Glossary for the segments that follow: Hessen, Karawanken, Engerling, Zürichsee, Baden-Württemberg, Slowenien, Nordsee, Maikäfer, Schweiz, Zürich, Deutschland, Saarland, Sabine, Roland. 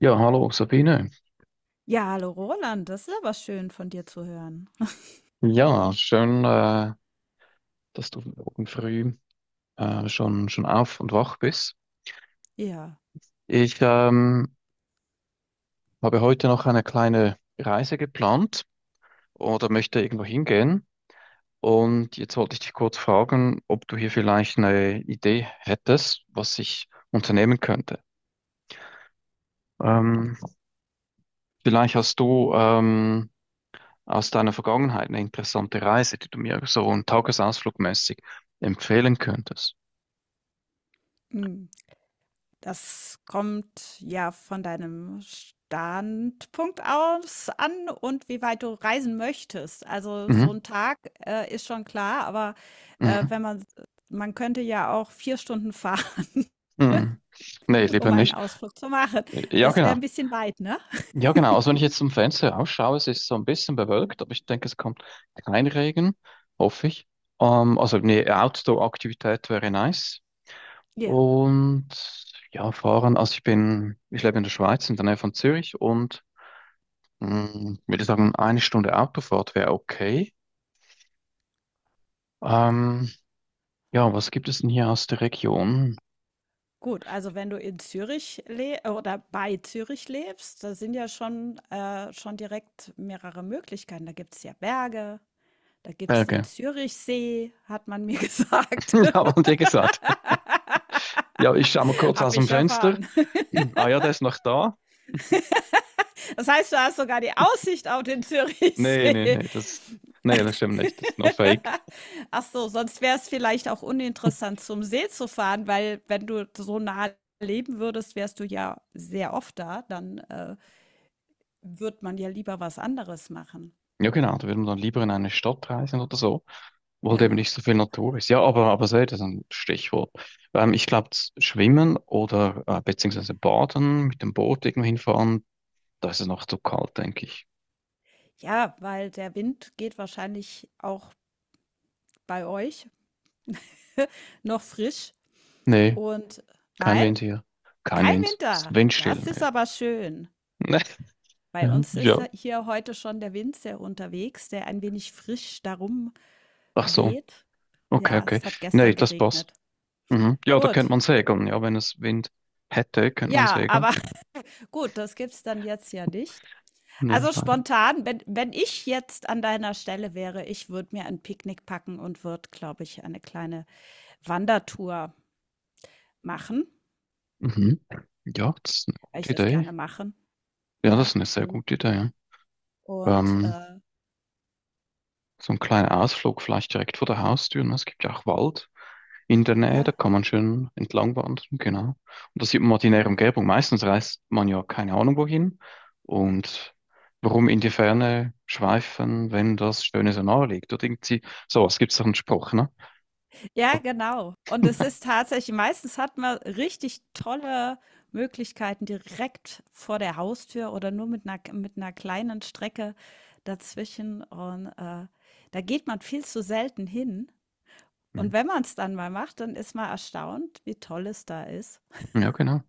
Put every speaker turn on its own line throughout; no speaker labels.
Ja, hallo Sabine.
Ja, hallo Roland, das ist aber schön von dir zu hören.
Ja, schön, dass du morgen früh schon auf und wach bist.
Ja,
Ich habe heute noch eine kleine Reise geplant oder möchte irgendwo hingehen. Und jetzt wollte ich dich kurz fragen, ob du hier vielleicht eine Idee hättest, was ich unternehmen könnte. Ähm, Vielleicht hast du aus deiner Vergangenheit eine interessante Reise, die du mir so einen Tagesausflug mäßig empfehlen könntest.
hm, das kommt ja von deinem Standpunkt aus an und wie weit du reisen möchtest. Also so
Mhm.
ein Tag ist schon klar, aber
Mhm.
wenn man, man könnte ja auch vier Stunden fahren,
Hm. Nee, lieber
um einen
nicht.
Ausflug zu machen.
Ja,
Das wäre
genau.
ein bisschen weit, ne?
Ja, genau. Also wenn ich jetzt zum Fenster rausschaue, es ist so ein bisschen bewölkt, aber ich denke, es kommt kein Regen, hoffe ich. Also eine Outdoor-Aktivität wäre nice.
Ja.
Und ja, fahren. Also ich lebe in der Schweiz, in der Nähe von Zürich und würde sagen, 1 Stunde Autofahrt wäre okay. Ähm, ja, was gibt es denn hier aus der Region?
Gut, also wenn du in Zürich le oder bei Zürich lebst, da sind ja schon, schon direkt mehrere Möglichkeiten. Da gibt es ja Berge, da gibt es den
Berge.
Zürichsee, hat man mir gesagt.
Ja, haben wir dir gesagt. Ja, ich schaue mal kurz aus
Habe
dem
ich
Fenster.
erfahren.
Ah ja, der ist noch da.
Das heißt, du hast sogar die Aussicht auf den
Nee, nee,
Zürichsee.
nee, nee, das stimmt nicht. Das ist nur Fake.
Ach so, sonst wäre es vielleicht auch uninteressant, zum See zu fahren, weil wenn du so nah leben würdest, wärst du ja sehr oft da, dann wird man ja lieber was anderes machen.
Ja, genau, da würden wir dann lieber in eine Stadt reisen oder so, wo halt eben
Genau.
nicht so viel Natur ist. Ja, aber so, das ist ein Stichwort. Ich glaube, Schwimmen oder beziehungsweise Baden mit dem Boot irgendwo hinfahren, da ist es noch zu kalt, denke ich.
Ja, weil der Wind geht wahrscheinlich auch bei euch noch frisch
Nee,
und
kein
nein,
Wind hier. Kein
kein
Wind. Es ist
Winter.
windstill,
Das ist
ne?
aber schön.
Nee.
Bei
Nee.
uns ist
Ja.
ja hier heute schon der Wind sehr unterwegs, der ein wenig frisch darum
Ach so.
weht.
Okay,
Ja,
okay.
es hat
Nee,
gestern
das passt.
geregnet.
Mhm. Ja, da könnte
Gut.
man segeln. Ja, wenn es Wind hätte, könnte man
Ja,
segeln.
aber gut, das gibt's dann jetzt ja nicht.
Nee,
Also
leider.
spontan, wenn ich jetzt an deiner Stelle wäre, ich würde mir ein Picknick packen und würde, glaube ich, eine kleine Wandertour machen,
Mhm. Ja, das ist eine
weil
gute
ich das
Idee.
gerne mache,
Ja, das
ja,
ist eine sehr
und
gute Idee. Ja.
und,
Ähm,
äh
so ein kleiner Ausflug vielleicht direkt vor der Haustür. Ne? Es gibt ja auch Wald in der Nähe,
ja,
da kann man schön entlang wandern, genau. Und da sieht man mal die nähere
genau.
Umgebung. Meistens reist man ja keine Ahnung wohin. Und warum in die Ferne schweifen, wenn das Schöne so nahe liegt? Oder irgendwie, so, es gibt so einen Spruch, ne?
Ja,
So,
genau. Und es ist tatsächlich meistens hat man richtig tolle Möglichkeiten direkt vor der Haustür oder nur mit einer kleinen Strecke dazwischen und da geht man viel zu selten hin. Und
mhm.
wenn man es dann mal macht, dann ist man erstaunt, wie toll es da ist.
Ja, genau.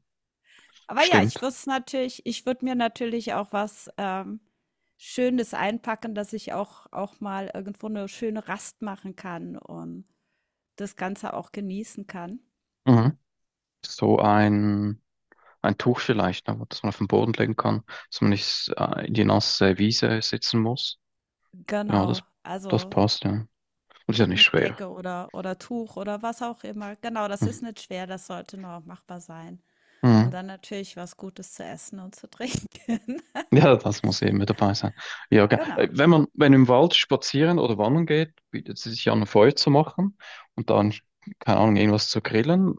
Aber ja,
Stimmt.
ich würde mir natürlich auch was, Schönes einpacken, dass ich auch mal irgendwo eine schöne Rast machen kann und das Ganze auch genießen kann.
Mhm. So ein Ein Tuch vielleicht, aber dass man auf den Boden legen kann, dass man nicht in die nasse Wiese sitzen muss. Ja,
Genau,
das
also
passt, ja. Und ist ja nicht schwer.
Picknickdecke oder Tuch oder was auch immer. Genau, das ist
Mhm.
nicht schwer, das sollte noch machbar sein. Und
Mhm.
dann natürlich was Gutes zu essen und zu trinken.
Ja, das muss eben mit dabei sein. Ja,
Genau.
wenn im Wald spazieren oder wandern geht, bietet es sich ja an, ein Feuer zu machen und dann, keine Ahnung, irgendwas zu grillen,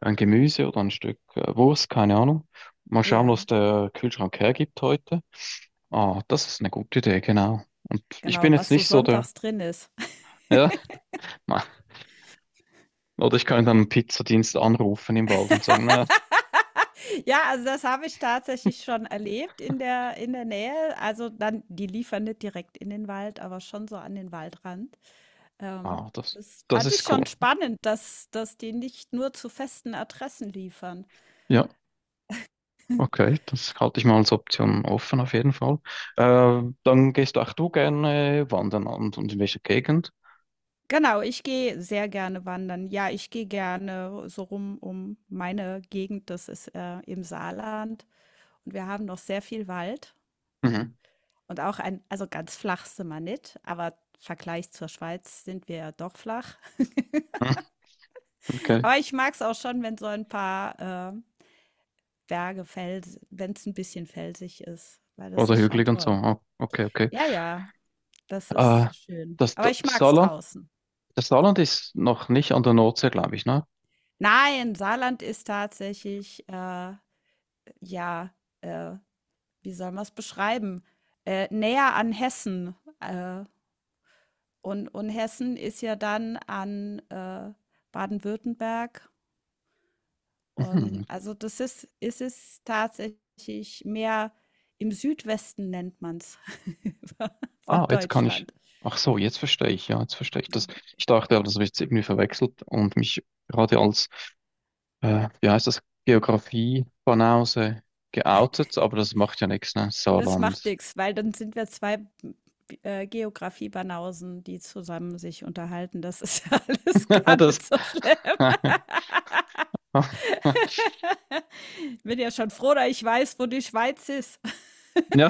ein Gemüse oder ein Stück Wurst, keine Ahnung. Mal schauen, was
Ja,
der Kühlschrank hergibt heute. Ah, das ist eine gute Idee, genau. Und ich bin
genau,
jetzt
was so
nicht so der,
sonntags drin ist.
ja. Oder ich kann dann einen Pizzadienst anrufen im Wald und sagen, na,
Ja, also das habe ich tatsächlich schon erlebt in der Nähe. Also dann die liefern nicht direkt in den Wald, aber schon so an den Waldrand. Ähm,
ah, das,
Das
das
fand ich
ist cool.
schon spannend, dass die nicht nur zu festen Adressen liefern.
Ja, okay, das halte ich mal als Option offen auf jeden Fall. Dann gehst auch du gerne wandern und, in welcher Gegend?
Genau, ich gehe sehr gerne wandern. Ja, ich gehe gerne so rum um meine Gegend, das ist im Saarland. Und wir haben noch sehr viel Wald
Mhm.
und auch ein, also ganz flach sind wir nicht, aber im Vergleich zur Schweiz sind wir ja doch flach.
Hm, okay.
Aber ich mag es auch schon, wenn so ein paar äh, Berge, Fels, wenn es ein bisschen felsig ist, weil das
Oder
ist schon
hügelig und so.
toll.
Ah, okay, okay.
Ja, ja, das
Äh,
ist schön.
das,
Aber
das
ich mag es
Saarland,
draußen.
das Saarland ist noch nicht an der Nordsee, glaube ich, ne?
Nein, Saarland ist tatsächlich, ja, äh, wie soll man es beschreiben, näher an Hessen, und Hessen ist ja dann an, Baden-Württemberg. Und
Mhm.
also das ist ist es tatsächlich mehr im Südwesten nennt man's von
Ah, jetzt kann ich.
Deutschland.
Ach so, jetzt verstehe ich, ja, jetzt verstehe ich das. Ich dachte, aber das habe ich jetzt irgendwie verwechselt und mich gerade als wie heißt das, Geografie von Hause geoutet, aber das macht ja nichts, ne?
Das macht
Saarland.
nix, weil dann sind wir 2 Geografie-Banausen, die zusammen sich unterhalten. Das ist ja alles gar
Das,
nicht so schlimm. Bin ja schon froh, dass ich weiß, wo die Schweiz ist.
ja,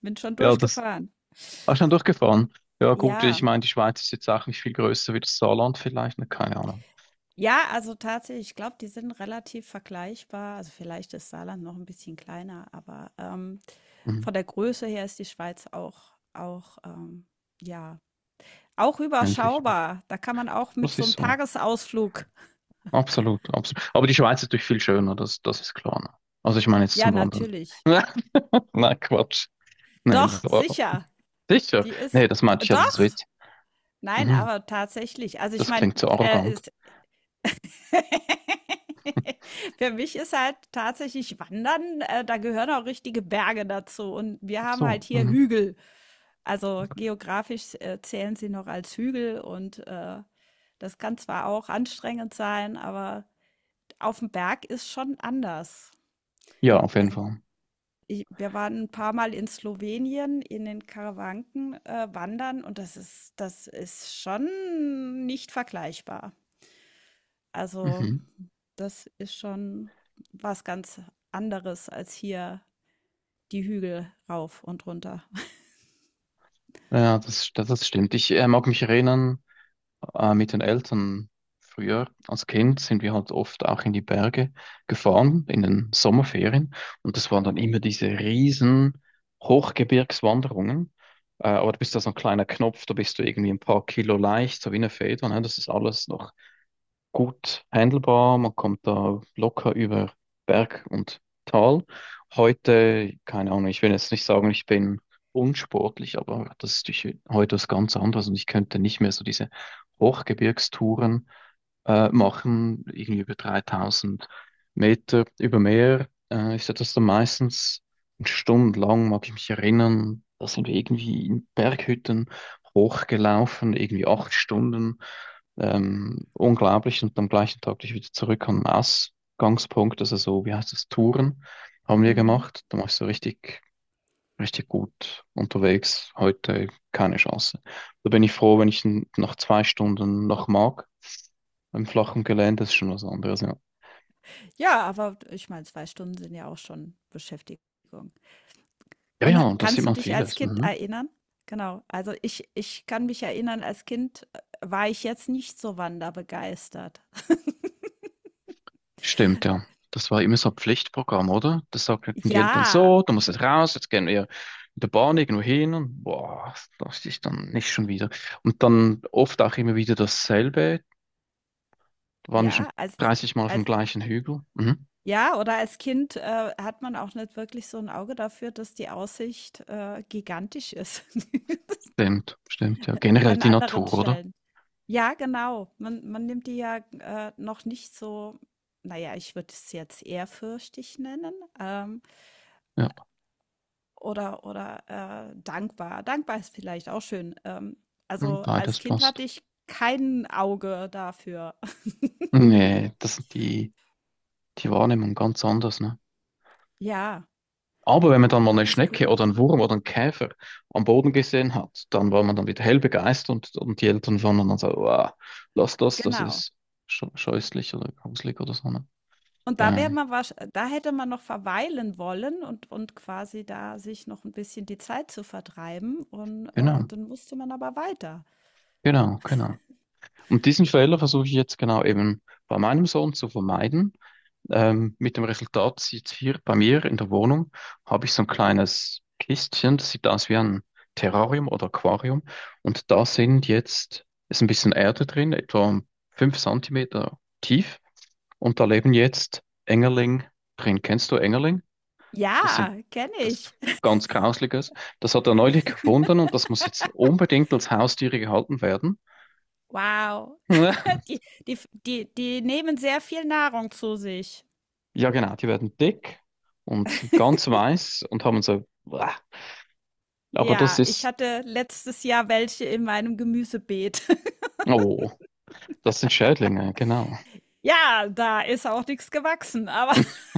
Bin schon
ja, das
durchgefahren.
hast du schon durchgefahren. Ja, gut, ich
Ja.
meine, die Schweiz ist jetzt auch nicht viel größer wie das Saarland vielleicht, ne? Keine Ahnung.
Ja, also tatsächlich, ich glaube, die sind relativ vergleichbar. Also vielleicht ist Saarland noch ein bisschen kleiner, aber
Mhm.
von der Größe her ist die Schweiz ja, auch
Endlich, ne?
überschaubar. Da kann man auch mit
Das
so
ist
einem
so.
Tagesausflug.
Absolut, absolut. Aber die Schweiz ist natürlich viel schöner, das ist klar. Ne? Also ich meine jetzt
Ja,
zum Wandern.
natürlich.
Nein, Quatsch. Nee, das
Doch,
war
sicher.
sicher.
Die ist,
Nee, das meinte ich ja, das ist
doch.
Witz.
Nein,
Mhm.
aber tatsächlich. Also ich
Das
meine,
klingt so arrogant.
für mich ist halt tatsächlich Wandern, da gehören auch richtige Berge dazu. Und wir
Ach
haben halt
so.
hier
Mhm.
Hügel. Also geografisch zählen sie noch als Hügel und das kann zwar auch anstrengend sein, aber auf dem Berg ist schon anders.
Ja, auf jeden
Also
Fall.
ich, wir waren ein paar Mal in Slowenien in den Karawanken wandern und das ist schon nicht vergleichbar. Also
Mhm.
das ist schon was ganz anderes als hier die Hügel rauf und runter.
Ja, das stimmt. Ich mag mich erinnern, mit den Eltern früher als Kind sind wir halt oft auch in die Berge gefahren, in den Sommerferien. Und das waren dann immer diese riesen Hochgebirgswanderungen. Aber du bist da so ein kleiner Knopf, da bist du irgendwie ein paar Kilo leicht, so wie eine Feder. Ne? Das ist alles noch gut handelbar. Man kommt da locker über Berg und Tal. Heute, keine Ahnung, ich will jetzt nicht sagen, ich bin unsportlich, aber das ist durch- heute was ganz anderes und ich könnte nicht mehr so diese Hochgebirgstouren machen, irgendwie über 3000 Meter über Meer. Ich hatte das dann meistens stundenlang, mag ich mich erinnern, da sind wir irgendwie in Berghütten hochgelaufen, irgendwie 8 Stunden. Unglaublich. Und am gleichen Tag bin ich wieder zurück am Ausgangspunkt, also so, wie heißt das, Touren haben wir
Mhm.
gemacht. Da war ich so richtig, richtig gut unterwegs. Heute keine Chance. Da bin ich froh, wenn ich nach 2 Stunden noch mag. Im flachen Gelände ist schon was anderes, ja.
Ja, aber ich meine, 2 Stunden sind ja auch schon Beschäftigung.
Ja,
Und ha
ja, und da sieht
kannst du
man
dich als
vieles.
Kind
Mhm.
erinnern? Genau, also ich kann mich erinnern, als Kind, war ich jetzt nicht so wanderbegeistert.
Stimmt, ja. Das war immer so ein Pflichtprogramm, oder? Das sagten die Eltern
Ja,
so, du musst jetzt raus, jetzt gehen wir mit der Bahn irgendwo hin und boah, das ist dann nicht schon wieder. Und dann oft auch immer wieder dasselbe, da waren wir schon
ja, als
30 Mal auf dem
als
gleichen Hügel. Mhm.
ja, oder als Kind, hat man auch nicht wirklich so ein Auge dafür, dass die Aussicht, gigantisch ist.
Stimmt, stimmt, ja. Generell
An
die
anderen
Natur, oder?
Stellen. Ja, genau. Man nimmt die ja, noch nicht so na ja, ich würde es jetzt ehrfürchtig nennen, ähm,
Ja,
oder oder, dankbar. Dankbar ist vielleicht auch schön.
mhm,
Also, als
beides
Kind
passt.
hatte ich kein Auge dafür.
Nee, das sind die, Die Wahrnehmung ganz anders, ne?
Ja,
Aber wenn man dann mal eine Schnecke oder
absolut.
einen Wurm oder einen Käfer am Boden gesehen hat, dann war man dann wieder hell begeistert und die Eltern waren dann so, wow, lass das, das
Genau.
ist scheußlich oder gruselig oder so. Ne?
Und
Ja,
da hätte man noch verweilen wollen und quasi da sich noch ein bisschen die Zeit zu vertreiben und
genau,
dann musste man aber weiter.
genau, genau. Und diesen Fehler versuche ich jetzt genau eben bei meinem Sohn zu vermeiden. Mit dem Resultat sieht hier bei mir in der Wohnung, habe ich so ein kleines Kistchen, das sieht aus wie ein Terrarium oder Aquarium. Und da sind jetzt, ist ein bisschen Erde drin, etwa 5 Zentimeter tief. Und da leben jetzt Engerling drin. Kennst du Engerling? Das sind,
Ja, kenne
Das ist
ich.
ganz Grausliches. Das hat er neulich gefunden und das muss jetzt unbedingt als Haustiere gehalten werden.
Wow. Die die nehmen sehr viel Nahrung zu sich.
Ja, genau, die werden dick und sind ganz weiß und haben so äh, Aber das
Ja, ich
ist,
hatte letztes Jahr welche in meinem Gemüsebeet.
oh, das sind Schädlinge, genau.
Ja, da ist auch nichts gewachsen, aber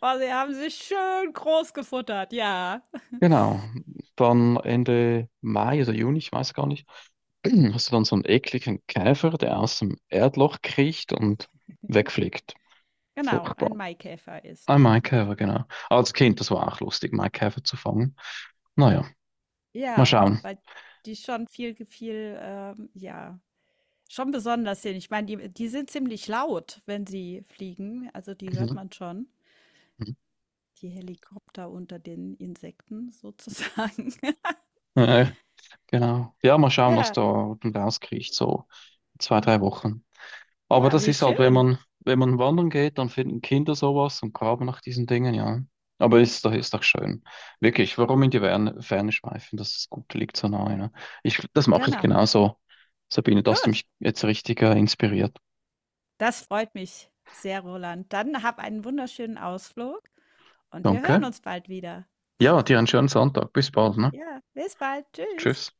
aber sie haben sich schön groß gefuttert, ja.
Genau. Dann Ende Mai oder Juni, ich weiß gar nicht, hast du dann so einen ekligen Käfer, der aus dem Erdloch kriecht und wegfliegt.
Genau, ein
Furchtbar.
Maikäfer ist.
Ein Maikäfer, genau. Als Kind, das war auch lustig, Maikäfer zu fangen. Naja, mal
Ja,
schauen.
weil die schon viel, schon besonders sind. Ich meine, die sind ziemlich laut, wenn sie fliegen, also die hört
Mhm.
man schon.
Mhm.
Die Helikopter unter den Insekten sozusagen.
Äh, genau. Ja, mal schauen, was
Ja,
da unten rauskriecht so in zwei, drei Wochen. Aber
ja,
das
wie
ist halt,
schön.
wenn man wandern geht, dann finden Kinder sowas und graben nach diesen Dingen, ja. Aber ist doch schön. Wirklich, warum in die Ferne, Ferne schweifen? Das ist gut, liegt so nahe, ne? Ich, das mache ich
Genau.
genauso. Sabine, da hast du
Gut.
mich jetzt richtig, inspiriert.
Das freut mich sehr, Roland. Dann hab einen wunderschönen Ausflug und wir hören
Danke.
uns bald wieder.
Ja, dir einen schönen Sonntag. Bis bald, ne?
Ja. Bis bald. Tschüss.
Tschüss.